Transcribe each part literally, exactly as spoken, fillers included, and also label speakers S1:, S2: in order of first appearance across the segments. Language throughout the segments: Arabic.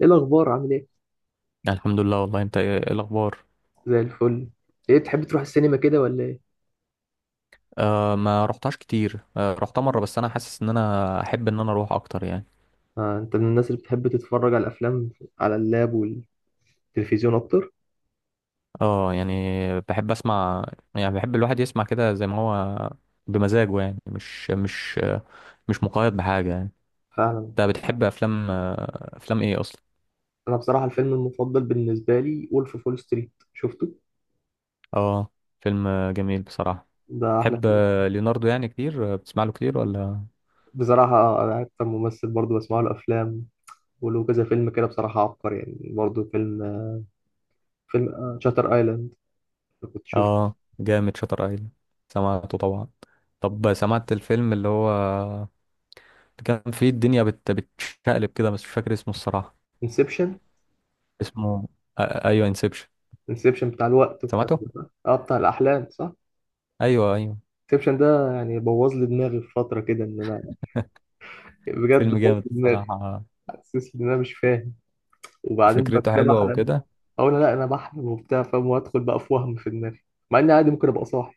S1: ايه الاخبار؟ عامل ايه؟
S2: الحمد لله، والله انت ايه؟ ايه الاخبار؟
S1: زي الفل. ايه تحب تروح السينما كده ولا ايه؟
S2: آه ما رحتهاش كتير. آه رحتها مره، بس انا حاسس ان انا احب ان انا اروح اكتر يعني.
S1: آه انت من الناس اللي بتحب تتفرج على الافلام على اللاب والتلفزيون اكتر.
S2: اه يعني بحب اسمع، يعني بحب الواحد يسمع كده زي ما هو بمزاجه يعني، مش مش مش مقيد بحاجه يعني.
S1: فعلا.
S2: انت بتحب افلام آه، افلام ايه اصلا؟
S1: انا بصراحه الفيلم المفضل بالنسبه لي وولف فول ستريت، شفته.
S2: اه، فيلم آه، جميل بصراحه.
S1: ده احلى
S2: تحب
S1: فيلم
S2: آه، ليوناردو يعني كتير؟ آه، بتسمع له كتير ولا؟
S1: بصراحه. آه، انا اكتر ممثل برضو بسمع له افلام، وله كذا فيلم كده، بصراحه عبقري يعني. برضو فيلم فيلم شاتر ايلاند اللي كنت شفته.
S2: اه، جامد شاتر ايلاند، سمعته طبعا. طب سمعت الفيلم اللي هو كان في الدنيا بت... بتشقلب كده، بس مش فاكر اسمه الصراحة.
S1: انسبشن
S2: اسمه آ... ايوه، انسبشن.
S1: انسبشن بتاع الوقت والكلام
S2: سمعته؟
S1: ده صح؟ اه، بتاع الاحلام صح.
S2: ايوه ايوه،
S1: انسبشن ده يعني بوظ لي دماغي في فتره كده ان انا، بجد
S2: فيلم
S1: بوظ
S2: جامد
S1: لي دماغي.
S2: الصراحة،
S1: حاسس ان انا مش فاهم. وبعدين بقى
S2: فكرته
S1: كل ما
S2: حلوة
S1: احلم
S2: وكده.
S1: اقول لا انا بحلم وبتاع فاهم، وادخل بقى في وهم في دماغي، مع اني عادي ممكن ابقى صاحي.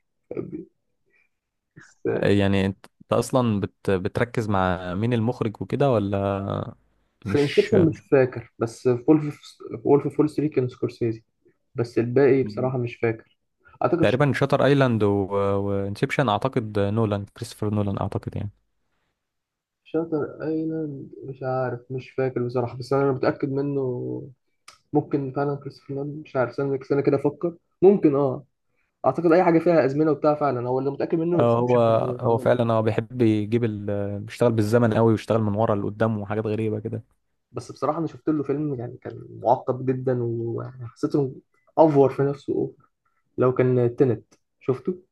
S1: بس
S2: يعني انت، أنت اصلا بت... بتركز مع مين، المخرج وكده ولا؟
S1: في
S2: مش
S1: انسبشن
S2: مش-
S1: مش فاكر، بس في وولف وولف فول ستريت كان سكورسيزي. بس الباقي بصراحة مش فاكر. اعتقد ش-
S2: تقريبا شاتر ايلاند و... وانسبشن، اعتقد نولان، كريستوفر نولان اعتقد يعني.
S1: شاتر ايلاند مش عارف، مش فاكر بصراحة، بس انا متأكد منه. ممكن فعلا كريستوفر نولان، مش عارف، استنى استنى كده افكر. ممكن اه. اعتقد اي حاجة فيها ازمنة وبتاع فعلا هو اللي متأكد منه
S2: اه، هو
S1: انسبشن.
S2: هو فعلا هو بيحب يجيب ال... بيشتغل بالزمن قوي، ويشتغل من ورا لقدام وحاجات غريبة كده.
S1: بس بصراحة أنا شفت له فيلم يعني كان معقد جدا، ويعني حسيته أفور في نفسه، أوفر. لو كان تنت، شفته.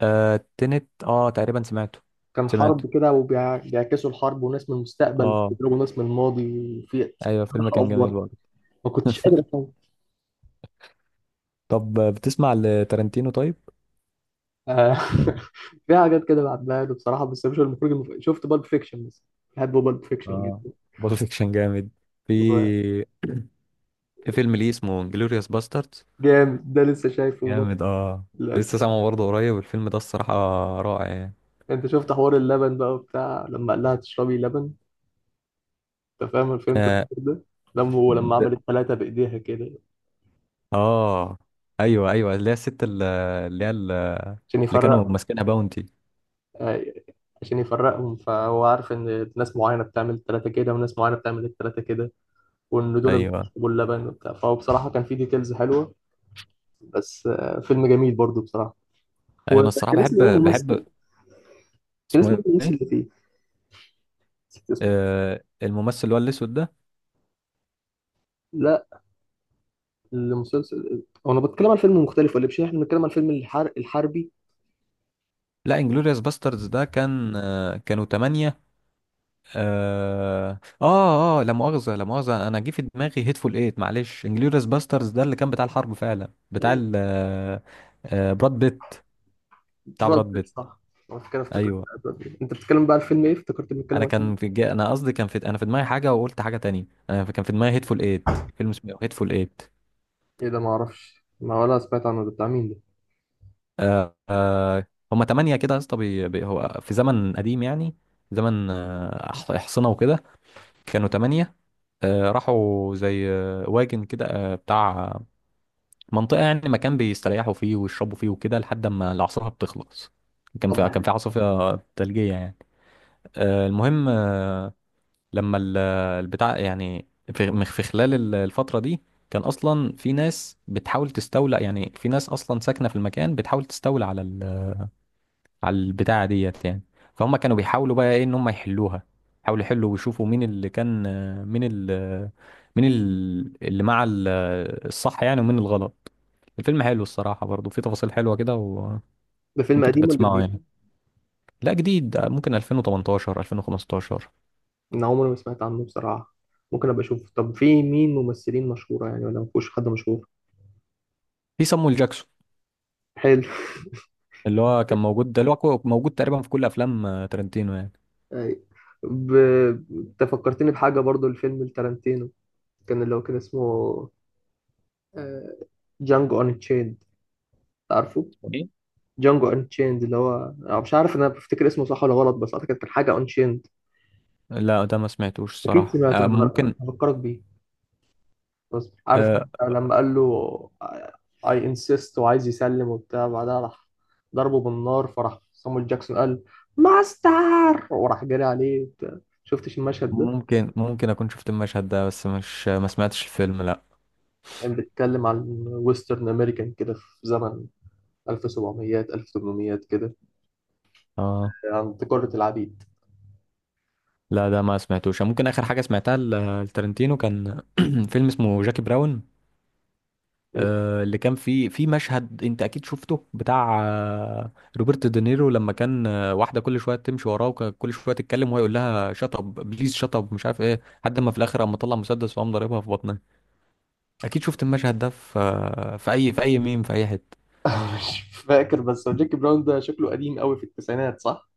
S2: آه، تنت، اه تقريبا سمعته،
S1: كان حرب
S2: سمعته.
S1: كده وبيعكسوا الحرب، وناس من المستقبل
S2: اه،
S1: بيضربوا ناس من الماضي. وفي.
S2: ايوه فيلم
S1: بصراحة
S2: كان جميل
S1: أفور،
S2: برضه.
S1: ما كنتش قادر أفهم.
S2: طب بتسمع لتارنتينو طيب؟
S1: آه، في حاجات كده بعدها له بصراحة، بس مش المخرج المف- شفت بالب فيكشن بس. بحب بالب فيكشن
S2: اه،
S1: جدا.
S2: بول فيكشن جامد. في
S1: هو
S2: في فيلم ليه اسمه انجلوريوس باستردز،
S1: جامد، ده لسه شايفه برضه.
S2: جامد اه. لسه
S1: لا،
S2: سامعه برضه قريب الفيلم ده الصراحة، رائع يعني.
S1: أنت شفت حوار اللبن بقى وبتاع، لما قال لها تشربي لبن. انت فاهم أنا فهمت
S2: اه،
S1: الفكرة ده؟ لما هو لما عمل
S2: ب-
S1: الثلاثة بإيديها كده
S2: آه. ايوه ايوه، اللي هي الست ال- اللي هي ال-
S1: عشان
S2: اللي كانوا
S1: يفرقهم.
S2: ماسكينها، باونتي.
S1: آه، عشان يفرقهم، فهو عارف إن ناس معينة بتعمل الثلاثة كده وناس معينة بتعمل الثلاثة كده، وإن دول
S2: ايوه،
S1: بيشربوا اللبن وبتاع، فهو بصراحة كان فيه ديتيلز حلوة. بس آه، فيلم جميل برضه بصراحة.
S2: أيوة، انا الصراحة
S1: وكان
S2: بحب
S1: اسمه إيه
S2: بحب
S1: الممثل؟ كان اسمه إيه
S2: اسمه
S1: الممثل
S2: ايه؟
S1: اللي فيه؟ نسيت اسمه.
S2: آه، الممثل اللي هو الاسود ده.
S1: لا، المسلسل هو أنا بتكلم عن فيلم مختلف، ولا مش إحنا بنتكلم عن فيلم الحر... الحربي؟
S2: لا، انجلوريوس باستردز ده كان آه، كانوا تمانية. اه اه، آه، لا مؤاخذة لا مؤاخذة، انا جه في دماغي هيتفول ايت، معلش. انجلوريوس باسترز ده اللي كان بتاع الحرب فعلا،
S1: آه،
S2: بتاع ال آه، آه، براد بيت، بتاع
S1: براد
S2: براد
S1: بيت
S2: بيت.
S1: صح؟ أنا كده افتكرت.
S2: ايوه،
S1: براد بيت. أنت بتتكلم بقى عن فيلم إيه؟ افتكرت بنتكلم
S2: انا
S1: عن.
S2: كان في جا... انا قصدي كان في، انا في دماغي حاجة وقلت حاجة تانية. انا في- كان في دماغي هيتفول ايت، فيلم اسمه هيتفول ايت.
S1: ايه ده؟ ما اعرفش، ما ولا سمعت عنه، ده بتاع مين ده؟
S2: آه آه، هما تمانية كده يا اسطى. بي... بي... هو في زمن قديم يعني، زمن آه، أح- احصنة وكده، كانوا تمانية. آه راحوا زي آه، واجن كده، آه، بتاع منطقة يعني، مكان بيستريحوا فيه ويشربوا فيه وكده لحد ما العاصفة بتخلص. كان
S1: طب
S2: في
S1: ده،
S2: كان في عاصفة ثلجية يعني. آه، المهم، آه، لما ال- البتاع يعني، في في خلال ال- الفترة دي كان أصلا في ناس بتحاول تستولى، يعني في ناس أصلا ساكنة في المكان بتحاول تستولى على على البتاعة ديت يعني. فهم كانوا بيحاولوا بقى ايه، ان هم يحلوها. حاولوا يحلوا ويشوفوا مين اللي كان، مين ال مين ال- اللي مع ال- الصح يعني، ومين الغلط. الفيلم حلو الصراحة، برضه فيه تفاصيل حلوة كده وممكن
S1: ده فيلم قديم
S2: تبقى
S1: ولا
S2: تسمعه
S1: جديد؟
S2: يعني. لا جديد، ممكن ألفين وتمنتاشر، ألفين وخمستاشر.
S1: انا عمري ما سمعت عنه بصراحة. ممكن ابقى اشوف. طب في مين ممثلين مشهورة يعني ولا مفيش حد مشهور؟
S2: في صامويل جاكسون،
S1: حلو.
S2: اللي هو كان موجود ده، اللي هو كو- موجود تقريبا في كل افلام آه، تارنتينو يعني.
S1: أي. ب... انت فكرتني بحاجة برضو، الفيلم التارانتينو، كان اللي هو كان اسمه جانجو ان تشيند، عارفه؟
S2: اسمه ايه؟
S1: جانجو ان تشيند، اللي هو أنا مش عارف انا بفتكر اسمه صح ولا غلط، بس اعتقد كان حاجة ان تشيند.
S2: لا ده ما سمعتوش
S1: اكيد
S2: الصراحة،
S1: سمعت،
S2: آه،
S1: انا
S2: ممكن.
S1: هفكرك بيه. بس عارف
S2: آه،
S1: لما قال له I insist وعايز يسلم وبتاع، بعدها راح ضربه بالنار، فراح صامويل جاكسون قال ماستر وراح جري عليه وبتاع. شفتش المشهد ده؟
S2: ممكن ممكن اكون شفت المشهد ده، بس مش، ما سمعتش الفيلم لا.
S1: كان بيتكلم عن ويسترن امريكان كده في زمن ألف وسبعمية ألف وتمنمية كده،
S2: اه،
S1: عن تجارة العبيد.
S2: لا ده ما سمعتوش. ممكن اخر حاجه سمعتها ل- لتارنتينو كان فيلم اسمه جاكي براون، آه، اللي كان فيه في مشهد انت اكيد شفته، بتاع آه، روبرت دينيرو لما كان آه، واحده كل شويه تمشي وراه وكل شويه تتكلم، وهو يقول لها شط اب بليز، شط اب، مش عارف ايه، لحد ما في الاخر قام مطلع مسدس وقام ضاربها في بطنها. اكيد شفت المشهد ده في آه، في اي، في اي ميم، في اي حته.
S1: مش فاكر، بس هو جاكي براون ده شكله قديم قوي، في التسعينات صح؟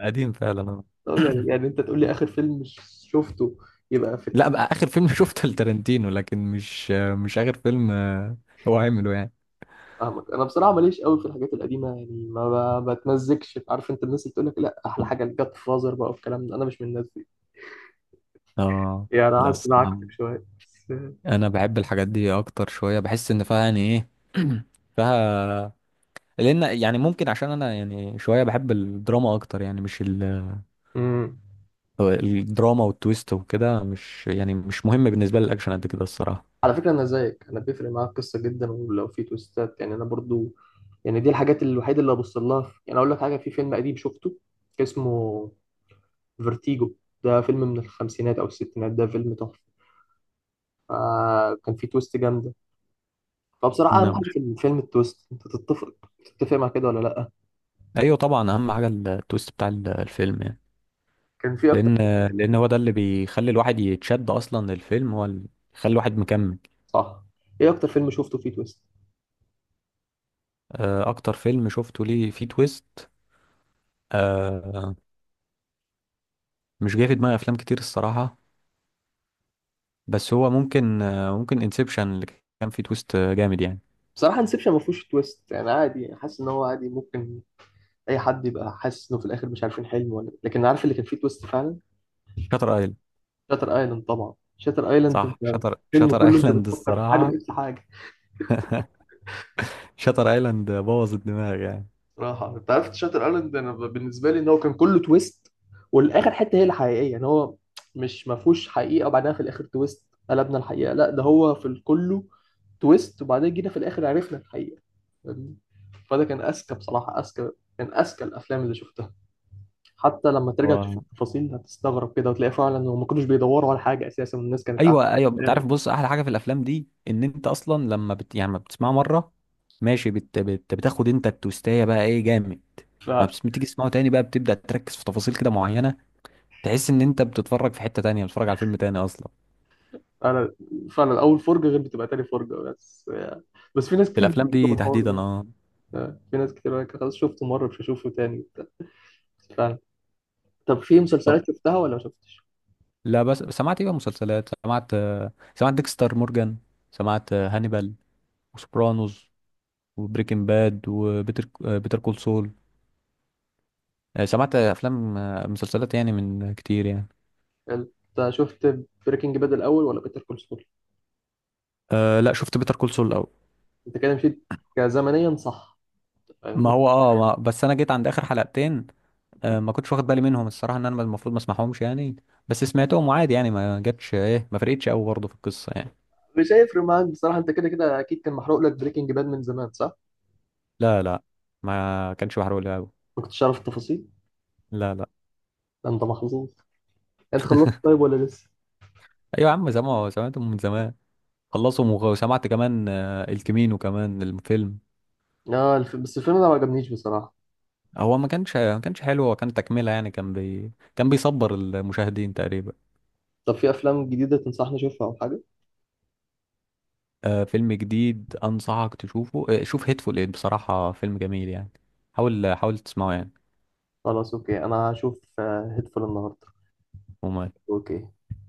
S2: قديم فعلا آه.
S1: طب يعني, يعني انت تقول لي اخر فيلم شفته يبقى في.
S2: لا بقى اخر فيلم شفته لتارنتينو، لكن مش آه، مش اخر فيلم آه، هو عمله يعني.
S1: فاهمك. انا بصراحه ماليش قوي في الحاجات القديمه يعني، ما ب- بتمزجش. عارف انت الناس اللي بتقول لك لا احلى حاجه الجاد فازر بقى والكلام ده، انا مش من الناس دي.
S2: اه
S1: يعني انا
S2: لا
S1: حاسس إن أنا
S2: الصراحة،
S1: عكسك شويه بس.
S2: انا بحب الحاجات دي اكتر شوية، بحس ان فيها يعني ايه فيها، لان يعني، ممكن عشان انا يعني شوية بحب الدراما اكتر، يعني مش ال...
S1: امم
S2: الدراما والتويست وكده، مش يعني مش مهم بالنسبة لي الاكشن قد كده الصراحة.
S1: على فكره انا زيك، انا بيفرق معايا القصه جدا، ولو في تويستات يعني انا برضو، يعني دي الحاجات الوحيده اللي ببص لها في- يعني اقول لك حاجه، في فيلم قديم شفته اسمه فيرتيجو، ده فيلم من الخمسينات او الستينات، ده فيلم تحفه. آه كان فيه تويست جامده. فبصراحه اهم
S2: نعم،
S1: حاجه في الفيلم التويست، انت تتفق تتفق مع كده ولا لا؟
S2: ايوه طبعا اهم حاجة التويست بتاع ال- الفيلم يعني،
S1: كان في.
S2: لان لان هو ده اللي بيخلي الواحد يتشد اصلا للفيلم، هو اللي يخلي الواحد مكمل.
S1: صح. ايه اكتر فيلم شفته فيه تويست؟
S2: آه، اكتر فيلم شفته ليه فيه تويست، آه، مش جاي في دماغي افلام كتير الصراحة، بس هو ممكن آه، ممكن انسبشن اللي كان فيه تويست آه، جامد يعني.
S1: بصراحه انسبشن ما فيهوش تويست يعني، عادي يعني، حاسس ان هو عادي. ممكن اي حد يبقى حاسس انه في الاخر مش عارفين حلم ولا، لكن عارف اللي كان فيه تويست فعلا
S2: شاتر ايلاند،
S1: شاتر ايلاند. طبعا شاتر ايلاند
S2: صح
S1: انت،
S2: شاتر
S1: الفيلم
S2: شاتر
S1: كله انت
S2: ايلاند
S1: بتفكر في حاجه
S2: الصراحه.
S1: بقيت في حاجه.
S2: شاتر ايلاند بوظ الدماغ يعني.
S1: صراحة انت عرفت شاتر ايلاند، انا ب- بالنسبة لي ان هو كان كله تويست، والاخر حتة هي الحقيقية، ان هو مش، ما فيهوش حقيقة وبعدها في الاخر تويست قلبنا الحقيقة، لا ده هو في الكله تويست، وبعدين جينا في الاخر عرفنا الحقيقة. فاهمني؟ فده كان اذكى بصراحة. اذكى كان اذكى الافلام اللي شفتها. حتى لما ترجع تشوف
S2: و...
S1: التفاصيل هتستغرب كده، وتلاقي فعلا هم ما كانوش بيدوروا على حاجة اساسا، والناس كانت قاعدة
S2: ايوه ايوه، انت
S1: بتتكلم.
S2: عارف بص، احلى حاجه في الافلام دي ان انت اصلا لما بت... يعني ما بتسمعه مره ماشي، بت... بت... بتاخد انت التويستايه بقى ايه جامد، ما بس... بتيجي تسمعه تاني بقى بتبدا تركز في تفاصيل كده معينه، تحس ان انت بتتفرج في حته تانية، بتتفرج على فيلم تاني اصلا.
S1: فعلا. فعلا اول فرجة غير بتبقى تاني فرجة بس. بس في ناس
S2: في
S1: كتير
S2: الافلام
S1: بتشتكي من
S2: دي
S1: الحوار
S2: تحديدا
S1: ده.
S2: اه.
S1: آه، في ناس كتير قالك خلاص شفته مرة مش هشوفه تاني وبتاع. فاهم. طب في
S2: طب،
S1: مسلسلات شفتها ولا ما شفتش؟
S2: لا بس سمعت ايه بقى، مسلسلات سمعت، سمعت ديكستر مورجان، سمعت هانيبال، وسوبرانوز، وبريكنج باد، وبيتر بيتر كول سول، آه، سمعت افلام آه، مسلسلات يعني من كتير يعني.
S1: يعني انت شفت بريكنج باد الأول ولا بيتر كول سول؟
S2: أه لا، شفت بيتر كول سول الاول.
S1: انت كده مشيت كزمنيا صح؟
S2: ما
S1: فاهمني؟
S2: هو اه، ما بس انا جيت عند اخر حلقتين. أه، ما كنتش واخد بالي منهم الصراحه، ان انا المفروض ما اسمعهمش يعني، بس سمعتهم وعادي يعني، ما جاتش ايه ما فرقتش قوي برضه في القصه يعني.
S1: مش هيفرق معاك بصراحة، انت كده كده أكيد كان محروق لك بريكنج باد من زمان صح؟
S2: لا لا، ما كانش بحرق لي قوي.
S1: ما كنتش عارف التفاصيل؟
S2: لا لا.
S1: ده انت محظوظ. انت خلصت طيب ولا لسه؟
S2: ايوه يا عم، زمان سمعتهم من زمان، خلصهم وغ- وسمعت كمان آه، الكمينو كمان، الفيلم.
S1: اه الف... بس الفيلم ده ما عجبنيش بصراحة.
S2: هو ما كانش ما كانش حلو، هو كان تكملة يعني، كان بي كان بيصبر المشاهدين تقريبا.
S1: طب في أفلام جديدة تنصحني أشوفها أو حاجة؟
S2: آه، فيلم جديد أنصحك تشوفه، آه، شوف هيتفول إيد بصراحة فيلم جميل يعني، حاول حاول تسمعه يعني.
S1: خلاص أوكي، أنا هشوف هيدفول النهاردة.
S2: وما
S1: أوكي.